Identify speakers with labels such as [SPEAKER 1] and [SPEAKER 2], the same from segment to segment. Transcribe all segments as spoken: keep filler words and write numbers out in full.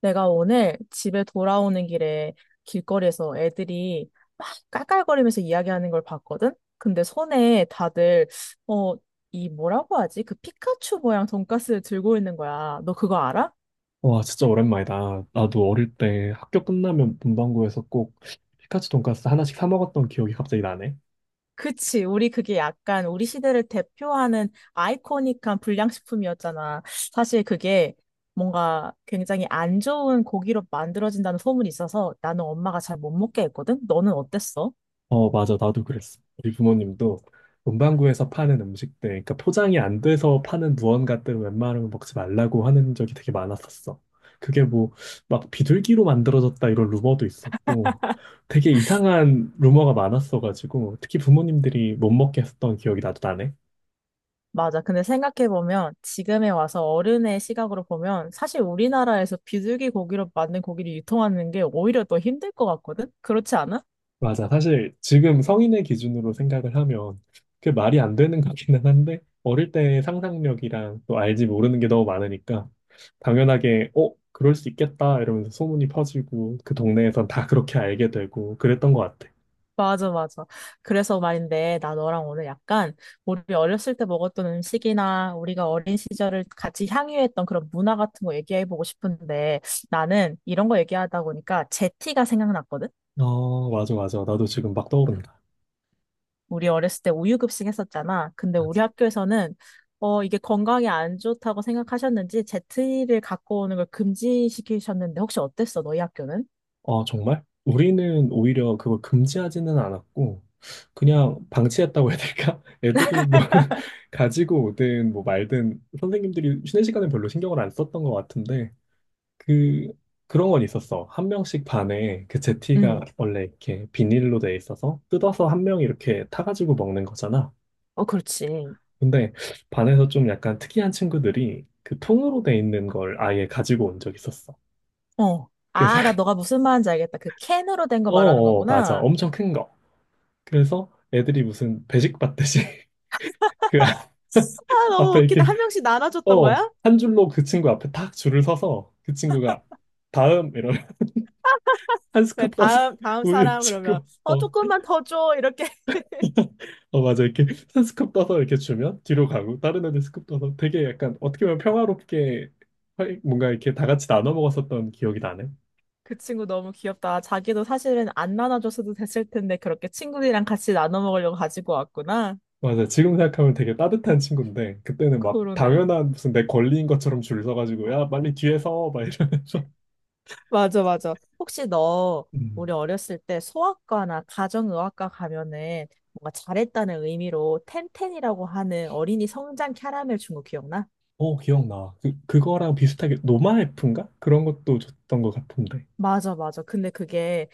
[SPEAKER 1] 내가 오늘 집에 돌아오는 길에 길거리에서 애들이 막 깔깔거리면서 이야기하는 걸 봤거든? 근데 손에 다들, 어, 이 뭐라고 하지? 그 피카츄 모양 돈가스를 들고 있는 거야. 너 그거 알아?
[SPEAKER 2] 와, 진짜 오랜만이다. 나도 어릴 때 학교 끝나면 문방구에서 꼭 피카츄 돈가스 하나씩 사 먹었던 기억이 갑자기 나네.
[SPEAKER 1] 그치. 우리 그게 약간 우리 시대를 대표하는 아이코닉한 불량식품이었잖아. 사실 그게 뭔가 굉장히 안 좋은 고기로 만들어진다는 소문이 있어서 나는 엄마가 잘 못 먹게 했거든? 너는 어땠어?
[SPEAKER 2] 어, 맞아. 나도 그랬어. 우리 부모님도 문방구에서 파는 음식들, 그러니까 포장이 안 돼서 파는 무언가들을 웬만하면 먹지 말라고 하는 적이 되게 많았었어. 그게 뭐, 막 비둘기로 만들어졌다 이런 루머도 있었고, 되게 이상한 루머가 많았어가지고, 특히 부모님들이 못 먹게 했던 기억이 나도 나네.
[SPEAKER 1] 맞아. 근데 생각해보면 지금에 와서 어른의 시각으로 보면 사실 우리나라에서 비둘기 고기로 만든 고기를 유통하는 게 오히려 더 힘들 것 같거든? 그렇지 않아?
[SPEAKER 2] 맞아. 사실 지금 성인의 기준으로 생각을 하면 그게 말이 안 되는 거기는 한데 어릴 때의 상상력이랑 또 알지 모르는 게 너무 많으니까 당연하게 어, 그럴 수 있겠다 이러면서 소문이 퍼지고 그 동네에선 다 그렇게 알게 되고 그랬던 것 같아.
[SPEAKER 1] 맞아, 맞아. 그래서 말인데 나 너랑 오늘 약간 우리 어렸을 때 먹었던 음식이나 우리가 어린 시절을 같이 향유했던 그런 문화 같은 거 얘기해보고 싶은데 나는 이런 거 얘기하다 보니까 제티가 생각났거든?
[SPEAKER 2] 어, 맞아, 맞아. 나도 지금 막 떠오른다.
[SPEAKER 1] 우리 어렸을 때 우유급식 했었잖아. 근데 우리 학교에서는 어, 이게 건강에 안 좋다고 생각하셨는지 제트리를 갖고 오는 걸 금지시키셨는데 혹시 어땠어? 너희 학교는?
[SPEAKER 2] 아, 정말? 우리는 오히려 그걸 금지하지는 않았고, 그냥 방치했다고 해야 될까? 애들이 뭐, 가지고 오든 뭐 말든 선생님들이 쉬는 시간에 별로 신경을 안 썼던 것 같은데, 그, 그런 건 있었어. 한 명씩 반에 그 제티가
[SPEAKER 1] 응,
[SPEAKER 2] 원래 이렇게 비닐로 돼 있어서 뜯어서 한 명 이렇게 타가지고 먹는 거잖아.
[SPEAKER 1] 어, 그렇지.
[SPEAKER 2] 근데 반에서 좀 약간 특이한 친구들이 그 통으로 돼 있는 걸 아예 가지고 온 적 있었어.
[SPEAKER 1] 어.
[SPEAKER 2] 그래서,
[SPEAKER 1] 아, 나 너가 무슨 말인지 알겠다. 그 캔으로 된 거
[SPEAKER 2] 어,
[SPEAKER 1] 말하는
[SPEAKER 2] 어, 맞아.
[SPEAKER 1] 거구나.
[SPEAKER 2] 엄청 큰 거. 그래서 애들이 무슨 배식 받듯이 그 앞-
[SPEAKER 1] 아, 너무
[SPEAKER 2] 앞에
[SPEAKER 1] 웃기다.
[SPEAKER 2] 이렇게
[SPEAKER 1] 한 명씩 나눠줬던
[SPEAKER 2] 어
[SPEAKER 1] 거야?
[SPEAKER 2] 한 줄로 그 친구 앞에 딱 줄을 서서 그 친구가 다음 이런 한
[SPEAKER 1] 그래,
[SPEAKER 2] 스쿱 떠서
[SPEAKER 1] 다음, 다음
[SPEAKER 2] 우유
[SPEAKER 1] 사람 그러면
[SPEAKER 2] 주고
[SPEAKER 1] 어,
[SPEAKER 2] 어,
[SPEAKER 1] 조금만 더 줘. 이렇게.
[SPEAKER 2] 어 맞아 이렇게 한 스쿱 떠서 이렇게 주면 뒤로 가고 다른 애들 스쿱 떠서 되게 약간 어떻게 보면 평화롭게 활- 뭔가 이렇게 다 같이 나눠 먹었었던 기억이 나네.
[SPEAKER 1] 그 친구 너무 귀엽다. 자기도 사실은 안 나눠줬어도 됐을 텐데 그렇게 친구들이랑 같이 나눠 먹으려고 가지고 왔구나.
[SPEAKER 2] 맞아. 지금 생각하면 되게 따뜻한 친구인데 그때는 막
[SPEAKER 1] 그러네.
[SPEAKER 2] 당연한 무슨 내 권리인 것처럼 줄 서가지고 야 빨리 뒤에 서막 이러면서
[SPEAKER 1] 맞아, 맞아. 혹시 너
[SPEAKER 2] 음.
[SPEAKER 1] 우리 어렸을 때 소아과나 가정의학과 가면은 뭔가 잘했다는 의미로 텐텐이라고 하는 어린이 성장 캐러멜 준거 기억나?
[SPEAKER 2] 어, 기억나. 그, 그거랑 비슷하게 노마에프인가? 그런 것도 줬던 것 같은데.
[SPEAKER 1] 맞아, 맞아. 근데 그게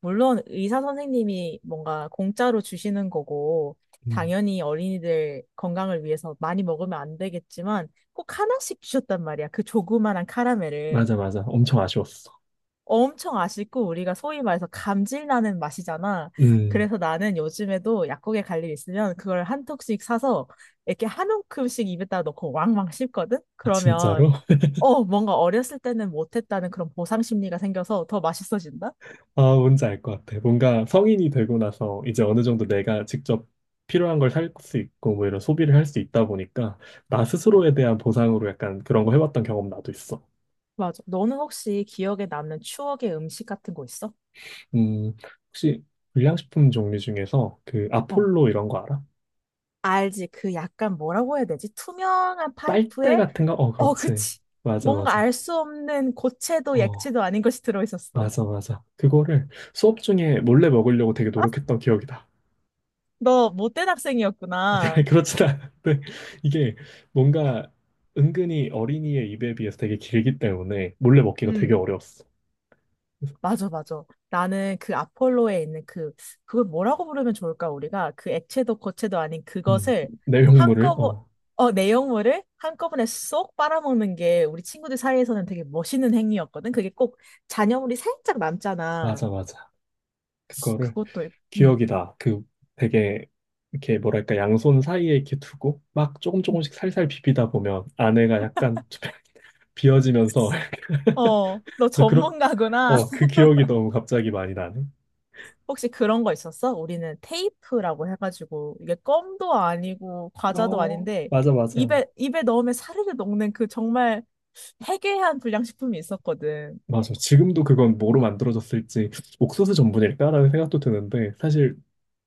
[SPEAKER 1] 물론 의사 선생님이 뭔가 공짜로 주시는 거고
[SPEAKER 2] 음,
[SPEAKER 1] 당연히 어린이들 건강을 위해서 많이 먹으면 안 되겠지만 꼭 하나씩 주셨단 말이야. 그 조그만한 카라멜을.
[SPEAKER 2] 맞아, 맞아. 엄청 아쉬웠어.
[SPEAKER 1] 엄청 아쉽고 우리가 소위 말해서 감질 나는 맛이잖아.
[SPEAKER 2] 음.
[SPEAKER 1] 그래서 나는 요즘에도 약국에 갈 일 있으면 그걸 한 톡씩 사서 이렇게 한 움큼씩 입에다 넣고 왕왕 씹거든?
[SPEAKER 2] 아,
[SPEAKER 1] 그러면
[SPEAKER 2] 진짜로?
[SPEAKER 1] 어, 뭔가 어렸을 때는 못했다는 그런 보상 심리가 생겨서 더 맛있어진다?
[SPEAKER 2] 아, 뭔지 알 것 같아. 뭔가 성인이 되고 나서 이제 어느 정도 내가 직접 필요한 걸 살 수 있고 뭐 이런 소비를 할 수 있다 보니까 나 스스로에 대한 보상으로 약간 그런 거 해봤던 경험 나도 있어.
[SPEAKER 1] 맞아. 너는 혹시 기억에 남는 추억의 음식 같은 거 있어?
[SPEAKER 2] 음, 혹시 불량식품 종류 중에서 그
[SPEAKER 1] 어.
[SPEAKER 2] 아폴로 이런 거 알아?
[SPEAKER 1] 알지. 그 약간 뭐라고 해야 되지? 투명한
[SPEAKER 2] 빨대
[SPEAKER 1] 파이프에
[SPEAKER 2] 같은 거? 어,
[SPEAKER 1] 어,
[SPEAKER 2] 그렇지.
[SPEAKER 1] 그치.
[SPEAKER 2] 맞아,
[SPEAKER 1] 뭔가
[SPEAKER 2] 맞아.
[SPEAKER 1] 알 수 없는 고체도
[SPEAKER 2] 어.
[SPEAKER 1] 액체도 아닌 것이 들어있었어.
[SPEAKER 2] 맞아, 맞아. 그거를 수업 중에 몰래 먹으려고 되게 노력했던 기억이 다.
[SPEAKER 1] 너 못된
[SPEAKER 2] 아니,
[SPEAKER 1] 학생이었구나.
[SPEAKER 2] 아니, 그렇진 않은데, 이게 뭔가 은근히 어린이의 입에 비해서 되게 길기 때문에 몰래 먹기가 되게
[SPEAKER 1] 음,
[SPEAKER 2] 어려웠어. 그래서,
[SPEAKER 1] 맞아, 맞아. 나는 그 아폴로에 있는 그, 그걸 뭐라고 부르면 좋을까, 우리가? 그 액체도 고체도 아닌
[SPEAKER 2] 음,
[SPEAKER 1] 그것을
[SPEAKER 2] 내용물을,
[SPEAKER 1] 한꺼번에,
[SPEAKER 2] 어,
[SPEAKER 1] 어, 내용물을 한꺼번에 쏙 빨아먹는 게 우리 친구들 사이에서는 되게 멋있는 행위였거든. 그게 꼭 잔여물이 살짝 남잖아.
[SPEAKER 2] 맞아, 맞아. 그거를
[SPEAKER 1] 그것도. 있- 음,
[SPEAKER 2] 기억이 다 그 되게, 이렇게 뭐랄까, 양손 사이에 이렇게 두고 막 조금
[SPEAKER 1] 음.
[SPEAKER 2] 조금씩 살살 비비다 보면 안에가 약간 좀 비어지면서,
[SPEAKER 1] 어, 너
[SPEAKER 2] 그래서 그렇,
[SPEAKER 1] 전문가구나.
[SPEAKER 2] 어, 그 기억이 너무 갑자기 많이 나네.
[SPEAKER 1] 혹시 그런 거 있었어? 우리는 테이프라고 해가지고 이게 껌도 아니고 과자도
[SPEAKER 2] 어,
[SPEAKER 1] 아닌데
[SPEAKER 2] 맞아, 맞아.
[SPEAKER 1] 입에 입에 넣으면 사르르 녹는 그 정말 해괴한 불량식품이 있었거든.
[SPEAKER 2] 맞아. 지금도 그건 뭐로 만들어졌을지 옥수수 전분일까라는 생각도 드는데 사실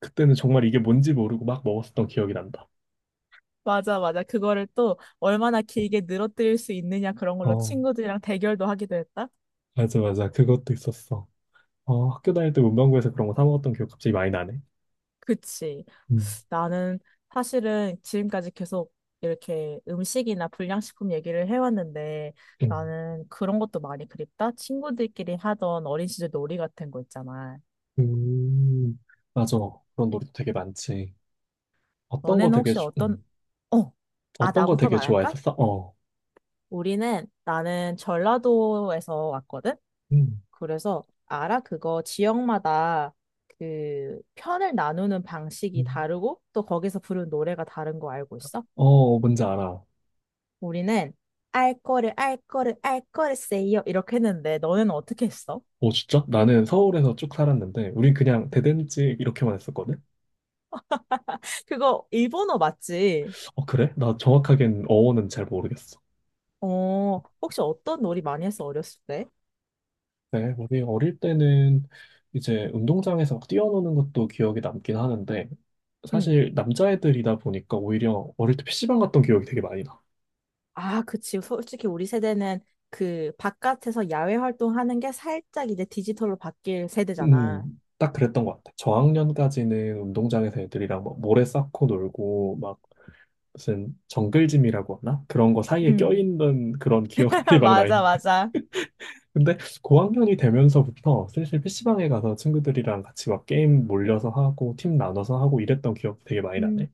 [SPEAKER 2] 그때는 정말 이게 뭔지 모르고 막 먹었었던 기억이 난다.
[SPEAKER 1] 맞아, 맞아. 그거를 또 얼마나 길게 늘어뜨릴 수 있느냐 그런 걸로
[SPEAKER 2] 어,
[SPEAKER 1] 친구들이랑 대결도 하기도 했다.
[SPEAKER 2] 맞아, 맞아. 그것도 있었어. 어, 학교 다닐 때 문방구에서 그런 거 사 먹었던 기억 갑자기 많이 나네.
[SPEAKER 1] 그치.
[SPEAKER 2] 음,
[SPEAKER 1] 나는 사실은 지금까지 계속 이렇게 음식이나 불량식품 얘기를 해왔는데
[SPEAKER 2] 음,
[SPEAKER 1] 나는 그런 것도 많이 그립다. 친구들끼리 하던 어린 시절 놀이 같은 거 있잖아.
[SPEAKER 2] 음, 맞아. 그런 놀이도 되게 많지. 어떤 거
[SPEAKER 1] 너네는
[SPEAKER 2] 되게,
[SPEAKER 1] 혹시
[SPEAKER 2] 좋-
[SPEAKER 1] 어떤,
[SPEAKER 2] 음,
[SPEAKER 1] 어, 아,
[SPEAKER 2] 어떤 거
[SPEAKER 1] 나부터
[SPEAKER 2] 되게
[SPEAKER 1] 말할까?
[SPEAKER 2] 좋아했었어? 어,
[SPEAKER 1] 우리는, 나는 전라도에서 왔거든?
[SPEAKER 2] 음,
[SPEAKER 1] 그래서, 알아? 그거 지역마다 그 편을 나누는 방식이
[SPEAKER 2] 음.
[SPEAKER 1] 다르고, 또 거기서 부르는 노래가 다른 거 알고 있어?
[SPEAKER 2] 어, 뭔지 알아.
[SPEAKER 1] 우리는, 알 거를, 알 거를, 알 거를 세요. 이렇게 했는데, 너네는 어떻게 했어?
[SPEAKER 2] 어, 진짜? 나는 서울에서 쭉 살았는데, 우린 그냥 대댄지 이렇게만 했었거든?
[SPEAKER 1] 그거 일본어 맞지?
[SPEAKER 2] 어, 그래? 나 정확하게는 어원은 잘 모르겠어.
[SPEAKER 1] 어, 혹시 어떤 놀이 많이 했어, 어렸을 때?
[SPEAKER 2] 네, 우리 어릴 때는 이제 운동장에서 막 뛰어노는 것도 기억에 남긴 하는데,
[SPEAKER 1] 응.
[SPEAKER 2] 사실 남자애들이다 보니까 오히려 어릴 때 피씨방 갔던 기억이 되게 많이 나.
[SPEAKER 1] 아, 그치. 솔직히 우리 세대는 그 바깥에서 야외 활동하는 게 살짝 이제 디지털로 바뀔
[SPEAKER 2] 음,
[SPEAKER 1] 세대잖아.
[SPEAKER 2] 딱 그랬던 것 같아. 저학년까지는 운동장에서 애들이랑 막 모래 쌓고 놀고, 막 무슨 정글짐이라고 하나? 그런 거 사이에
[SPEAKER 1] 음,
[SPEAKER 2] 껴있는 그런 기억들이 막 나있
[SPEAKER 1] 맞아, 맞아.
[SPEAKER 2] 근데 고학년이 되면서부터 슬슬 피씨방에 가서 친구들이랑 같이 막 게임 몰려서 하고 팀 나눠서 하고 이랬던 기억 되게 많이
[SPEAKER 1] 음,
[SPEAKER 2] 나네.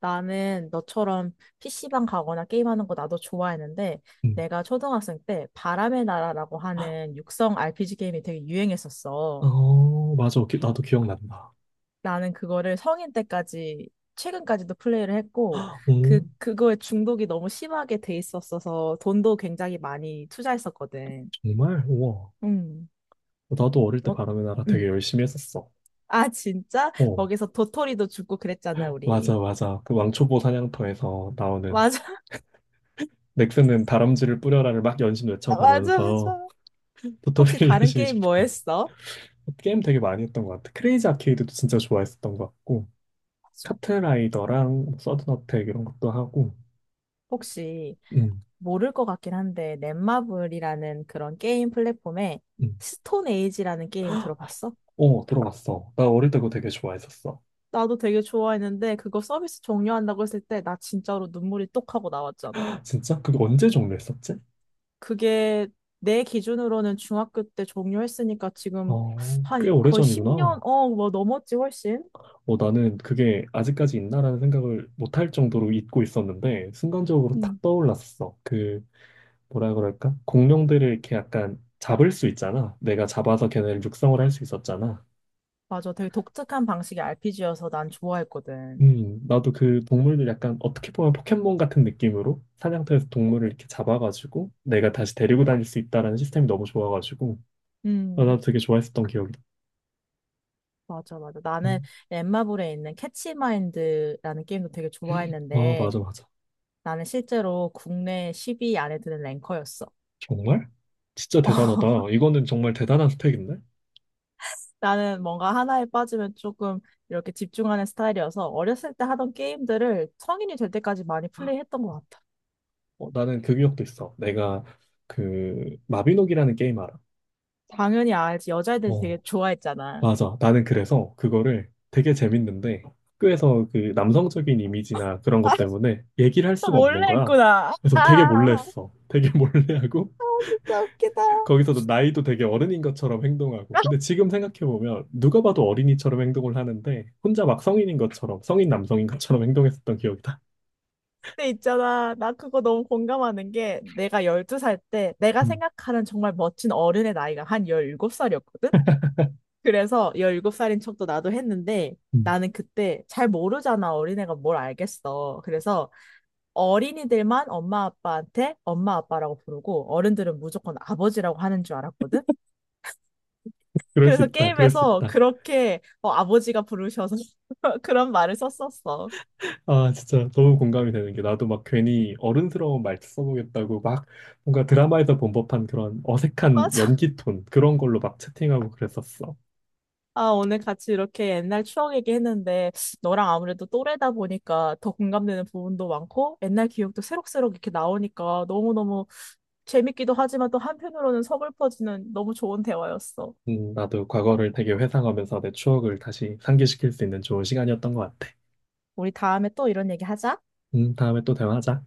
[SPEAKER 1] 나는 너처럼 피씨방 가거나 게임하는 거 나도 좋아했는데,
[SPEAKER 2] 음,
[SPEAKER 1] 내가 초등학생 때 바람의 나라라고 하는 육성 알피지 게임이 되게 유행했었어.
[SPEAKER 2] 어, 맞아. 기- 나도 기억난다.
[SPEAKER 1] 나는 그거를 성인 때까지, 최근까지도 플레이를 했고, 그,
[SPEAKER 2] 오,
[SPEAKER 1] 그거에 중독이 너무 심하게 돼 있었어서 돈도 굉장히 많이 투자했었거든.
[SPEAKER 2] 정말? 우와.
[SPEAKER 1] 음.
[SPEAKER 2] 나도 어릴 때
[SPEAKER 1] 어?
[SPEAKER 2] 바람의 나라 되게
[SPEAKER 1] 응.
[SPEAKER 2] 열심히 했었어.
[SPEAKER 1] 아, 진짜?
[SPEAKER 2] 어,
[SPEAKER 1] 거기서 도토리도 주고 그랬잖아, 우리.
[SPEAKER 2] 맞아, 맞아. 그 왕초보 사냥터에서 나오는
[SPEAKER 1] 맞아,
[SPEAKER 2] 넥슨은 다람쥐를 뿌려라를 막 연신
[SPEAKER 1] 맞아,
[SPEAKER 2] 외쳐가면서
[SPEAKER 1] 맞아. 혹시
[SPEAKER 2] 도토리를
[SPEAKER 1] 다른
[SPEAKER 2] 열심히
[SPEAKER 1] 게임 뭐
[SPEAKER 2] 줍고
[SPEAKER 1] 했어?
[SPEAKER 2] 게임 되게 많이 했던 것 같아. 크레이지 아케이드도 진짜 좋아했었던 것 같고
[SPEAKER 1] 맞아.
[SPEAKER 2] 카트라이더랑 서든어택 이런 것도 하고
[SPEAKER 1] 혹시
[SPEAKER 2] 응,
[SPEAKER 1] 모를 것 같긴 한데, 넷마블이라는 그런 게임 플랫폼에
[SPEAKER 2] 응.
[SPEAKER 1] 스톤 에이지라는 게임 들어봤어?
[SPEAKER 2] 어, 들어봤어. 나 어릴 때 그거 되게 좋아했었어.
[SPEAKER 1] 나도 되게 좋아했는데, 그거 서비스 종료한다고 했을 때, 나 진짜로 눈물이 똑 하고 나왔잖아.
[SPEAKER 2] 진짜? 그게 언제 종료했었지?
[SPEAKER 1] 그게 내 기준으로는 중학교 때 종료했으니까 지금
[SPEAKER 2] 어, 꽤
[SPEAKER 1] 한 거의 십 년,
[SPEAKER 2] 오래전이구나.
[SPEAKER 1] 어, 뭐 넘었지, 훨씬.
[SPEAKER 2] 어, 나는 그게 아직까지 있나라는 생각을 못할 정도로 잊고 있었는데, 순간적으로
[SPEAKER 1] 음.
[SPEAKER 2] 탁 떠올랐었어. 그, 뭐라 그럴까? 공룡들을 이렇게 약간 잡을 수 있잖아. 내가 잡아서 걔네를 육성을 할 수 있었잖아.
[SPEAKER 1] 맞아. 되게 독특한 방식의 알피지여서 난 좋아했거든.
[SPEAKER 2] 음, 나도 그 동물들 약간 어떻게 보면 포켓몬 같은 느낌으로 사냥터에서 동물을 이렇게 잡아가지고 내가 다시 데리고 다닐 수 있다라는 시스템이 너무 좋아가지고 아,
[SPEAKER 1] 음,
[SPEAKER 2] 나도 되게 좋아했었던 기억이다.
[SPEAKER 1] 맞아, 맞아. 나는
[SPEAKER 2] 음.
[SPEAKER 1] 엠마블에 있는 캐치마인드라는 게임도 되게
[SPEAKER 2] 아,
[SPEAKER 1] 좋아했는데
[SPEAKER 2] 맞아, 맞아.
[SPEAKER 1] 나는 실제로 국내 십 위 안에 드는 랭커였어.
[SPEAKER 2] 정말? 진짜 대단하다. 이거는 정말 대단한 스펙인데?
[SPEAKER 1] 나는 뭔가 하나에 빠지면 조금 이렇게 집중하는 스타일이어서 어렸을 때 하던 게임들을 성인이 될 때까지 많이 플레이했던 것 같아.
[SPEAKER 2] 어, 나는 그 기억도 있어. 내가 그 마비노기라는 게임 알아?
[SPEAKER 1] 당연히 알지. 여자애들이 되게
[SPEAKER 2] 어,
[SPEAKER 1] 좋아했잖아.
[SPEAKER 2] 맞아. 나는 그래서 그거를 되게 재밌는데 학교에서 그 남성적인 이미지나 그런 것 때문에 얘기를 할 수가 없는
[SPEAKER 1] 몰래
[SPEAKER 2] 거야.
[SPEAKER 1] 했구나.
[SPEAKER 2] 그래서 되게 몰래
[SPEAKER 1] 아,
[SPEAKER 2] 했어. 되게 몰래 하고
[SPEAKER 1] 진짜 웃기다.
[SPEAKER 2] 거기서도 나이도 되게 어른인 것처럼 행동하고. 근데 지금 생각해보면 누가 봐도 어린이처럼 행동을 하는데 혼자 막 성인인 것처럼, 성인 남성인 것처럼 행동했었던 기억이다.
[SPEAKER 1] 근데 있잖아, 나 그거 너무 공감하는 게 내가 열두 살 때 내가
[SPEAKER 2] 음,
[SPEAKER 1] 생각하는 정말 멋진 어른의 나이가 한 열일곱 살이었거든? 그래서 열일곱 살인 척도 나도 했는데
[SPEAKER 2] 음.
[SPEAKER 1] 나는 그때 잘 모르잖아. 어린애가 뭘 알겠어. 그래서 어린이들만 엄마 아빠한테 엄마 아빠라고 부르고 어른들은 무조건 아버지라고 하는 줄 알았거든?
[SPEAKER 2] 그럴 수
[SPEAKER 1] 그래서
[SPEAKER 2] 있다. 그럴 수
[SPEAKER 1] 게임에서
[SPEAKER 2] 있다.
[SPEAKER 1] 그렇게 어, 아버지가 부르셔서 그런 말을 썼었어.
[SPEAKER 2] 아, 진짜 너무 공감이 되는 게 나도 막 괜히 어른스러운 말투 써보겠다고 막 뭔가 드라마에서 본 법한 그런 어색한
[SPEAKER 1] 맞아.
[SPEAKER 2] 연기 톤 그런 걸로 막 채팅하고 그랬었어.
[SPEAKER 1] 아, 오늘 같이 이렇게 옛날 추억 얘기했는데 너랑 아무래도 또래다 보니까 더 공감되는 부분도 많고 옛날 기억도 새록새록 이렇게 나오니까 너무너무 재밌기도 하지만 또 한편으로는 서글퍼지는 너무 좋은 대화였어.
[SPEAKER 2] 음, 나도 과거를 되게 회상하면서 내 추억을 다시 상기시킬 수 있는 좋은 시간이었던 것 같아.
[SPEAKER 1] 우리 다음에 또 이런 얘기 하자.
[SPEAKER 2] 음, 다음에 또 대화하자.